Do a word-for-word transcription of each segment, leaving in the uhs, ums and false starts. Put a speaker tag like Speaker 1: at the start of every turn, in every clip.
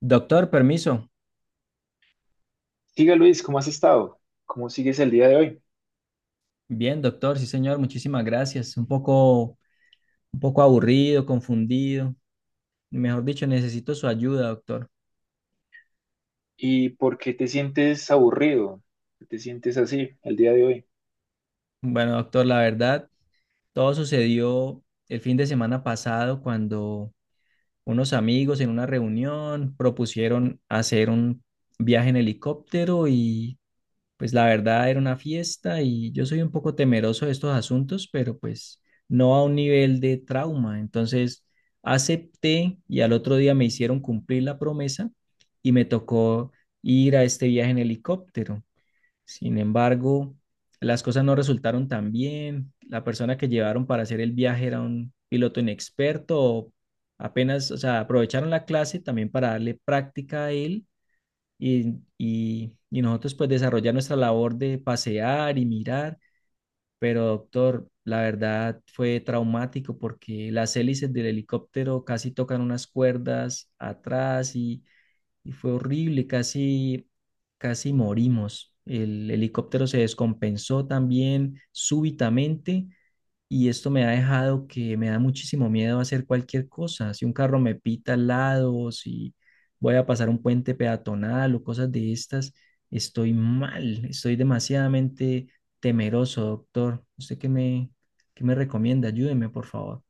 Speaker 1: Doctor, permiso.
Speaker 2: Diga Luis, ¿cómo has estado? ¿Cómo sigues el día de hoy?
Speaker 1: Bien, doctor, sí, señor, muchísimas gracias. Un poco, un poco aburrido, confundido. Mejor dicho, necesito su ayuda, doctor.
Speaker 2: ¿Y por qué te sientes aburrido? ¿Por qué te sientes así el día de hoy?
Speaker 1: Bueno, doctor, la verdad, todo sucedió el fin de semana pasado cuando unos amigos en una reunión propusieron hacer un viaje en helicóptero y pues la verdad era una fiesta y yo soy un poco temeroso de estos asuntos, pero pues no a un nivel de trauma. Entonces acepté y al otro día me hicieron cumplir la promesa y me tocó ir a este viaje en helicóptero. Sin embargo, las cosas no resultaron tan bien. La persona que llevaron para hacer el viaje era un piloto inexperto. Apenas, o sea, aprovecharon la clase también para darle práctica a él y, y, y nosotros pues desarrollar nuestra labor de pasear y mirar, pero doctor, la verdad fue traumático porque las hélices del helicóptero casi tocan unas cuerdas atrás y, y fue horrible, casi, casi morimos. El helicóptero se descompensó también súbitamente y esto me ha dejado que me da muchísimo miedo hacer cualquier cosa. Si un carro me pita al lado, si voy a pasar un puente peatonal o cosas de estas, estoy mal, estoy demasiadamente temeroso, doctor. ¿Usted qué me, qué me recomienda? Ayúdeme, por favor.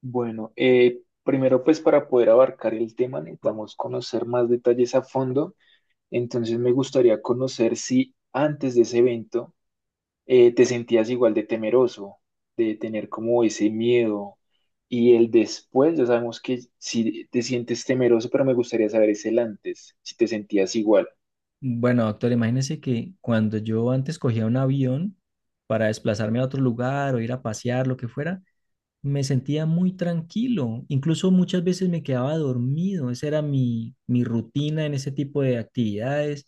Speaker 2: Bueno, eh, primero pues para poder abarcar el tema necesitamos conocer más detalles a fondo. Entonces me gustaría conocer si antes de ese evento eh, te sentías igual de temeroso, de tener como ese miedo y el después. Ya sabemos que si te sientes temeroso, pero me gustaría saber es el antes, si te sentías igual.
Speaker 1: Bueno, doctor, imagínese que cuando yo antes cogía un avión para desplazarme a otro lugar o ir a pasear, lo que fuera, me sentía muy tranquilo, incluso muchas veces me quedaba dormido, esa era mi, mi rutina en ese tipo de actividades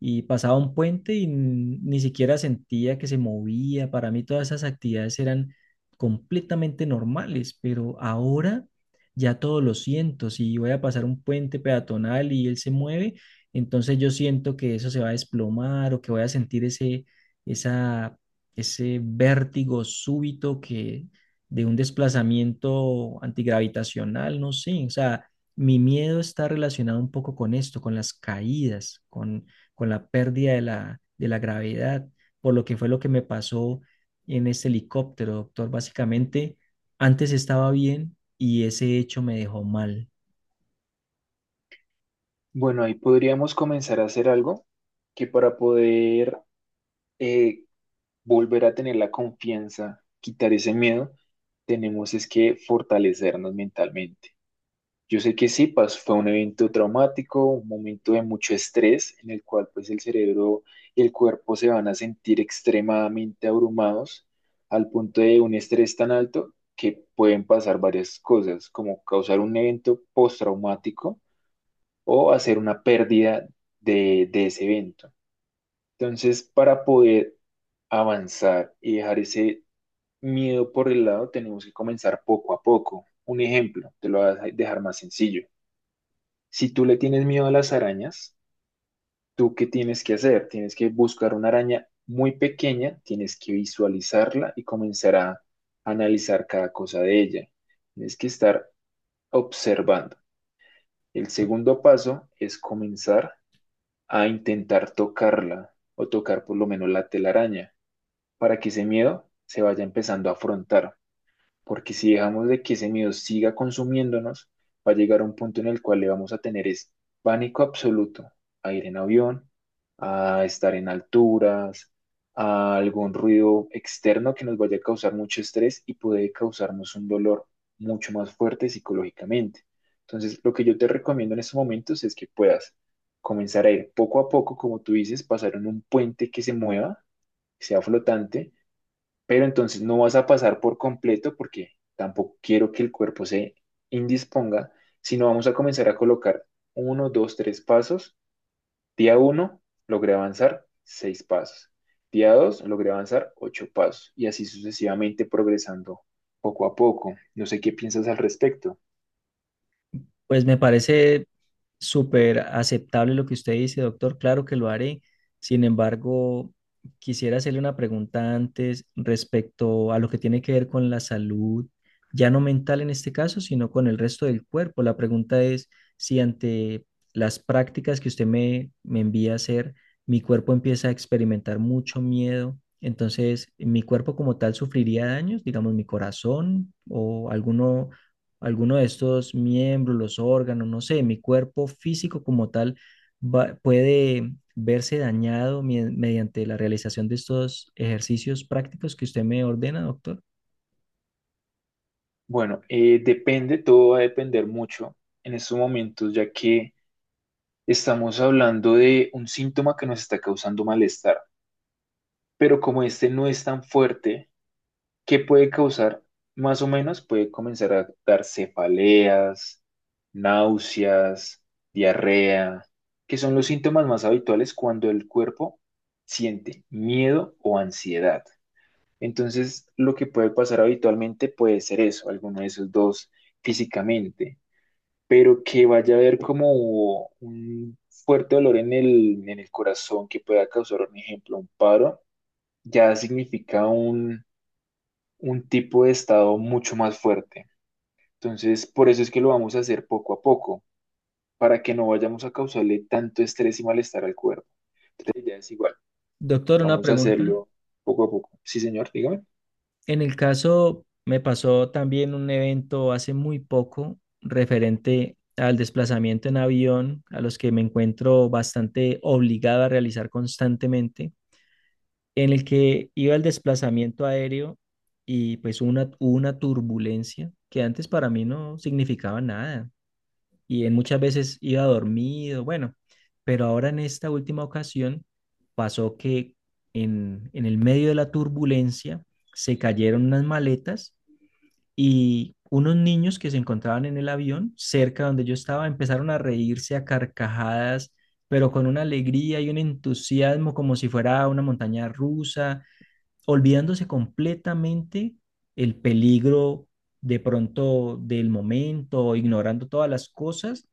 Speaker 1: y pasaba un puente y n- ni siquiera sentía que se movía, para mí todas esas actividades eran completamente normales, pero ahora ya todo lo siento, si voy a pasar un puente peatonal y él se mueve, entonces yo siento que eso se va a desplomar o que voy a sentir ese, esa ese vértigo súbito que de un desplazamiento antigravitacional, no sé, o sea, mi miedo está relacionado un poco con esto, con las caídas, con, con la pérdida de la, de la gravedad, por lo que fue lo que me pasó en este helicóptero, doctor. Básicamente, antes estaba bien y ese hecho me dejó mal.
Speaker 2: Bueno, ahí podríamos comenzar a hacer algo que para poder eh, volver a tener la confianza, quitar ese miedo, tenemos es que fortalecernos mentalmente. Yo sé que sí, pues, fue un evento traumático, un momento de mucho estrés en el cual pues el cerebro y el cuerpo se van a sentir extremadamente abrumados al punto de un estrés tan alto que pueden pasar varias cosas, como causar un evento postraumático o hacer una pérdida de, de ese evento. Entonces, para poder avanzar y dejar ese miedo por el lado, tenemos que comenzar poco a poco. Un ejemplo, te lo voy a dejar más sencillo. Si tú le tienes miedo a las arañas, ¿tú qué tienes que hacer? Tienes que buscar una araña muy pequeña, tienes que visualizarla y comenzar a analizar cada cosa de ella. Tienes que estar observando. El segundo paso es comenzar a intentar tocarla o tocar por lo menos la telaraña para que ese miedo se vaya empezando a afrontar. Porque si dejamos de que ese miedo siga consumiéndonos, va a llegar a un punto en el cual le vamos a tener es pánico absoluto a ir en avión, a estar en alturas, a algún ruido externo que nos vaya a causar mucho estrés y puede causarnos un dolor mucho más fuerte psicológicamente. Entonces, lo que yo te recomiendo en estos momentos es que puedas comenzar a ir poco a poco, como tú dices, pasar en un puente que se mueva, que sea flotante pero entonces no vas a pasar por completo porque tampoco quiero que el cuerpo se indisponga, sino vamos a comenzar a colocar uno, dos, tres pasos. Día uno, logré avanzar seis pasos. Día dos, logré avanzar ocho pasos y así sucesivamente progresando poco a poco. No sé qué piensas al respecto.
Speaker 1: Pues me parece súper aceptable lo que usted dice, doctor. Claro que lo haré. Sin embargo, quisiera hacerle una pregunta antes respecto a lo que tiene que ver con la salud, ya no mental en este caso, sino con el resto del cuerpo. La pregunta es si ante las prácticas que usted me, me envía a hacer, mi cuerpo empieza a experimentar mucho miedo. Entonces, mi cuerpo como tal sufriría daños, digamos, mi corazón o alguno alguno de estos miembros, los órganos, no sé, mi cuerpo físico como tal va- puede verse dañado mi- mediante la realización de estos ejercicios prácticos que usted me ordena, doctor.
Speaker 2: Bueno, eh, depende, todo va a depender mucho en estos momentos, ya que estamos hablando de un síntoma que nos está causando malestar, pero como este no es tan fuerte, ¿qué puede causar? Más o menos puede comenzar a dar cefaleas, náuseas, diarrea, que son los síntomas más habituales cuando el cuerpo siente miedo o ansiedad. Entonces, lo que puede pasar habitualmente puede ser eso, alguno de esos dos físicamente, pero que vaya a haber como un fuerte dolor en el, en el corazón que pueda causar, por ejemplo, un paro, ya significa un tipo de estado mucho más fuerte. Entonces, por eso es que lo vamos a hacer poco a poco, para que no vayamos a causarle tanto estrés y malestar al cuerpo. Entonces, ya es igual,
Speaker 1: Doctor, una
Speaker 2: vamos a
Speaker 1: pregunta.
Speaker 2: hacerlo poco a poco. Sí, señor, dígame.
Speaker 1: En el caso, me pasó también un evento hace muy poco referente al desplazamiento en avión, a los que me encuentro bastante obligado a realizar constantemente. En el que iba el desplazamiento aéreo y pues hubo una, hubo una turbulencia que antes para mí no significaba nada y en muchas veces iba dormido, bueno, pero ahora en esta última ocasión pasó que en, en el medio de la turbulencia se cayeron unas maletas y unos niños que se encontraban en el avión cerca donde yo estaba empezaron a reírse a carcajadas, pero con una alegría y un entusiasmo como si fuera una montaña rusa olvidándose completamente el peligro de pronto del momento, ignorando todas las cosas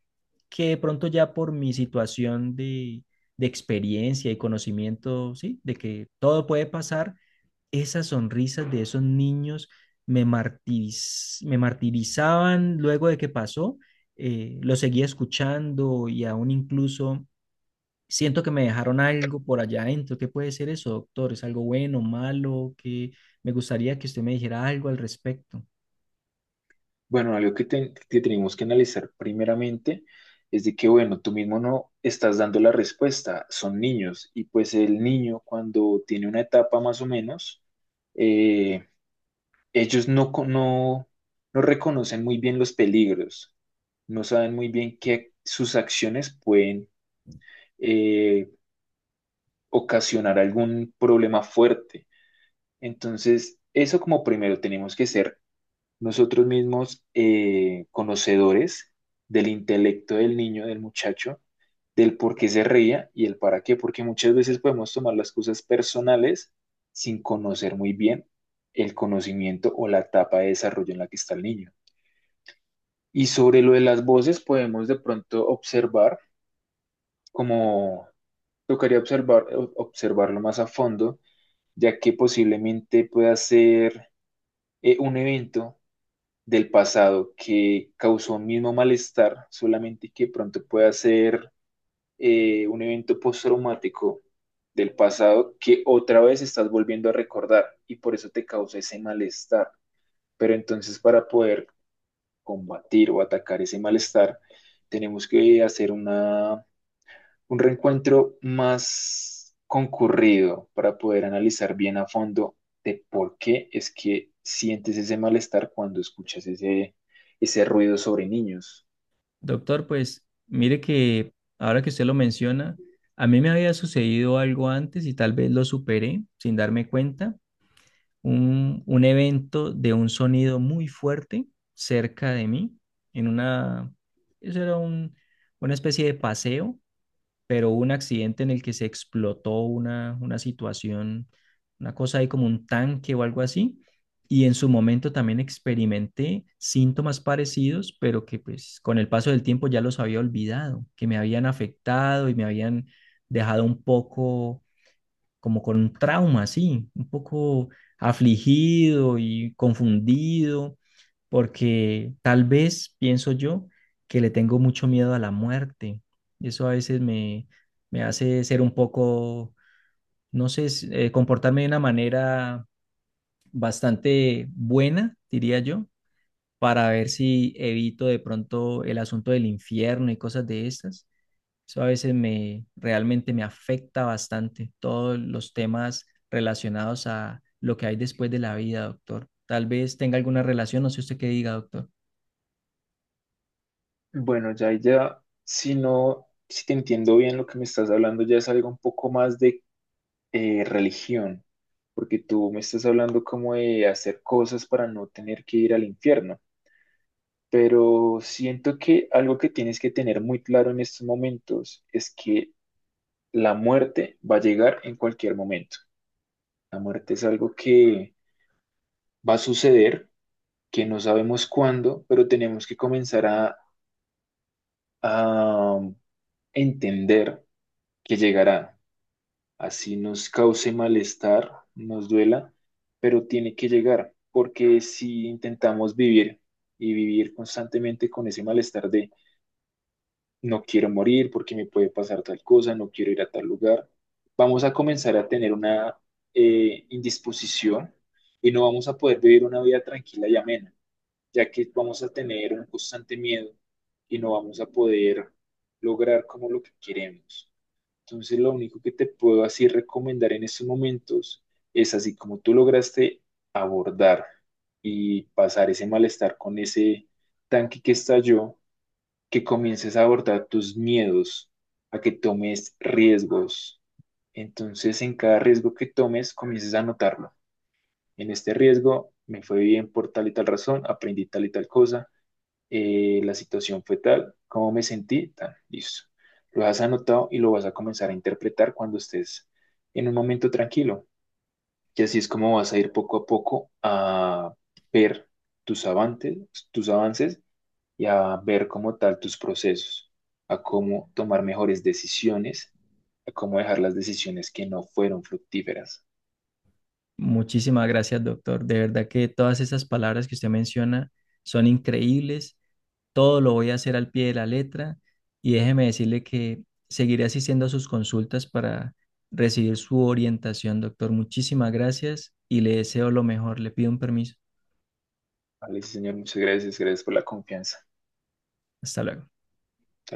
Speaker 1: que de pronto ya por mi situación de, de experiencia y conocimiento, ¿sí? De que todo puede pasar, esas sonrisas de esos niños me, martiriz- me martirizaban luego de que pasó, eh, lo seguía escuchando y aún incluso siento que me dejaron algo por allá adentro. ¿Qué puede ser eso, doctor? ¿Es algo bueno, malo? Que me gustaría que usted me dijera algo al respecto.
Speaker 2: Bueno, algo que, te- que tenemos que analizar primeramente es de que, bueno, tú mismo no estás dando la respuesta, son niños, y pues el niño cuando tiene una etapa más o menos, eh, ellos no, co- no, no reconocen muy bien los peligros. No saben muy bien que sus acciones pueden eh, ocasionar algún problema fuerte. Entonces, eso como primero tenemos que ser nosotros mismos eh, conocedores del intelecto del niño, del muchacho, del por qué se reía y el para qué, porque muchas veces podemos tomar las cosas personales sin conocer muy bien el conocimiento o la etapa de desarrollo en la que está el niño. Y sobre lo de las voces podemos de pronto observar como tocaría observar, ob- observarlo más a fondo, ya que posiblemente pueda ser eh, un evento del pasado que causó un mismo malestar, solamente que pronto pueda ser eh, un evento postraumático del pasado que otra vez estás volviendo a recordar y por eso te causa ese malestar. Pero entonces para poder combatir o atacar ese malestar, tenemos que hacer una un reencuentro más concurrido para poder analizar bien a fondo de por qué es que sientes ese malestar cuando escuchas ese, ese ruido sobre niños.
Speaker 1: Doctor, pues mire que ahora que usted lo menciona, a mí me había sucedido algo antes y tal vez lo superé sin darme cuenta, un, un evento de un sonido muy fuerte cerca de mí, en una, eso era un, una especie de paseo pero hubo un accidente en el que se explotó una, una situación, una cosa ahí como un tanque o algo así, y en su momento también experimenté síntomas parecidos, pero que pues con el paso del tiempo ya los había olvidado, que me habían afectado y me habían dejado un poco como con trauma, sí, un poco afligido y confundido, porque tal vez pienso yo que le tengo mucho miedo a la muerte. Y eso a veces me, me hace ser un poco, no sé, s- eh, comportarme de una manera bastante buena, diría yo, para ver si evito de pronto el asunto del infierno y cosas de estas. Eso a veces me realmente me afecta bastante todos los temas relacionados a lo que hay después de la vida, doctor. Tal vez tenga alguna relación, no sé usted qué diga, doctor.
Speaker 2: Bueno, ya, ya, si no, si te entiendo bien lo que me estás hablando, ya es algo un poco más de eh, religión, porque tú me estás hablando como de hacer cosas para no tener que ir al infierno. Pero siento que algo que tienes que tener muy claro en estos momentos es que la muerte va a llegar en cualquier momento. La muerte es algo que va a suceder, que no sabemos cuándo, pero tenemos que comenzar a, a um, entender que llegará. Así nos cause malestar, nos duela, pero tiene que llegar, porque si intentamos vivir y vivir constantemente con ese malestar de no quiero morir porque me puede pasar tal cosa, no quiero ir a tal lugar. Vamos a comenzar a tener una eh, indisposición y no vamos a poder vivir una vida tranquila y amena, ya que vamos a tener un constante miedo y no vamos a poder lograr como lo que queremos. Entonces, lo único que te puedo así recomendar en estos momentos es así como tú lograste abordar y pasar ese malestar con ese tanque que estalló que comiences a abordar tus miedos, a que tomes riesgos. Entonces, en cada riesgo que tomes, comiences a anotarlo. En este riesgo me fue bien por tal y tal razón, aprendí tal y tal cosa, eh, la situación fue tal, cómo me sentí, tan, listo. Lo has anotado y lo vas a comenzar a interpretar cuando estés en un momento tranquilo. Y así es como vas a ir poco a poco a ver tus avances, tus avances y a ver como tal tus procesos, a cómo tomar mejores decisiones, a cómo dejar las decisiones que no fueron fructíferas.
Speaker 1: Muchísimas gracias, doctor. De verdad que todas esas palabras que usted menciona son increíbles. Todo lo voy a hacer al pie de la letra y déjeme decirle que seguiré asistiendo a sus consultas para recibir su orientación, doctor. Muchísimas gracias y le deseo lo mejor. Le pido un permiso.
Speaker 2: Vale, sí, señor, muchas gracias, gracias por la confianza.
Speaker 1: Hasta luego.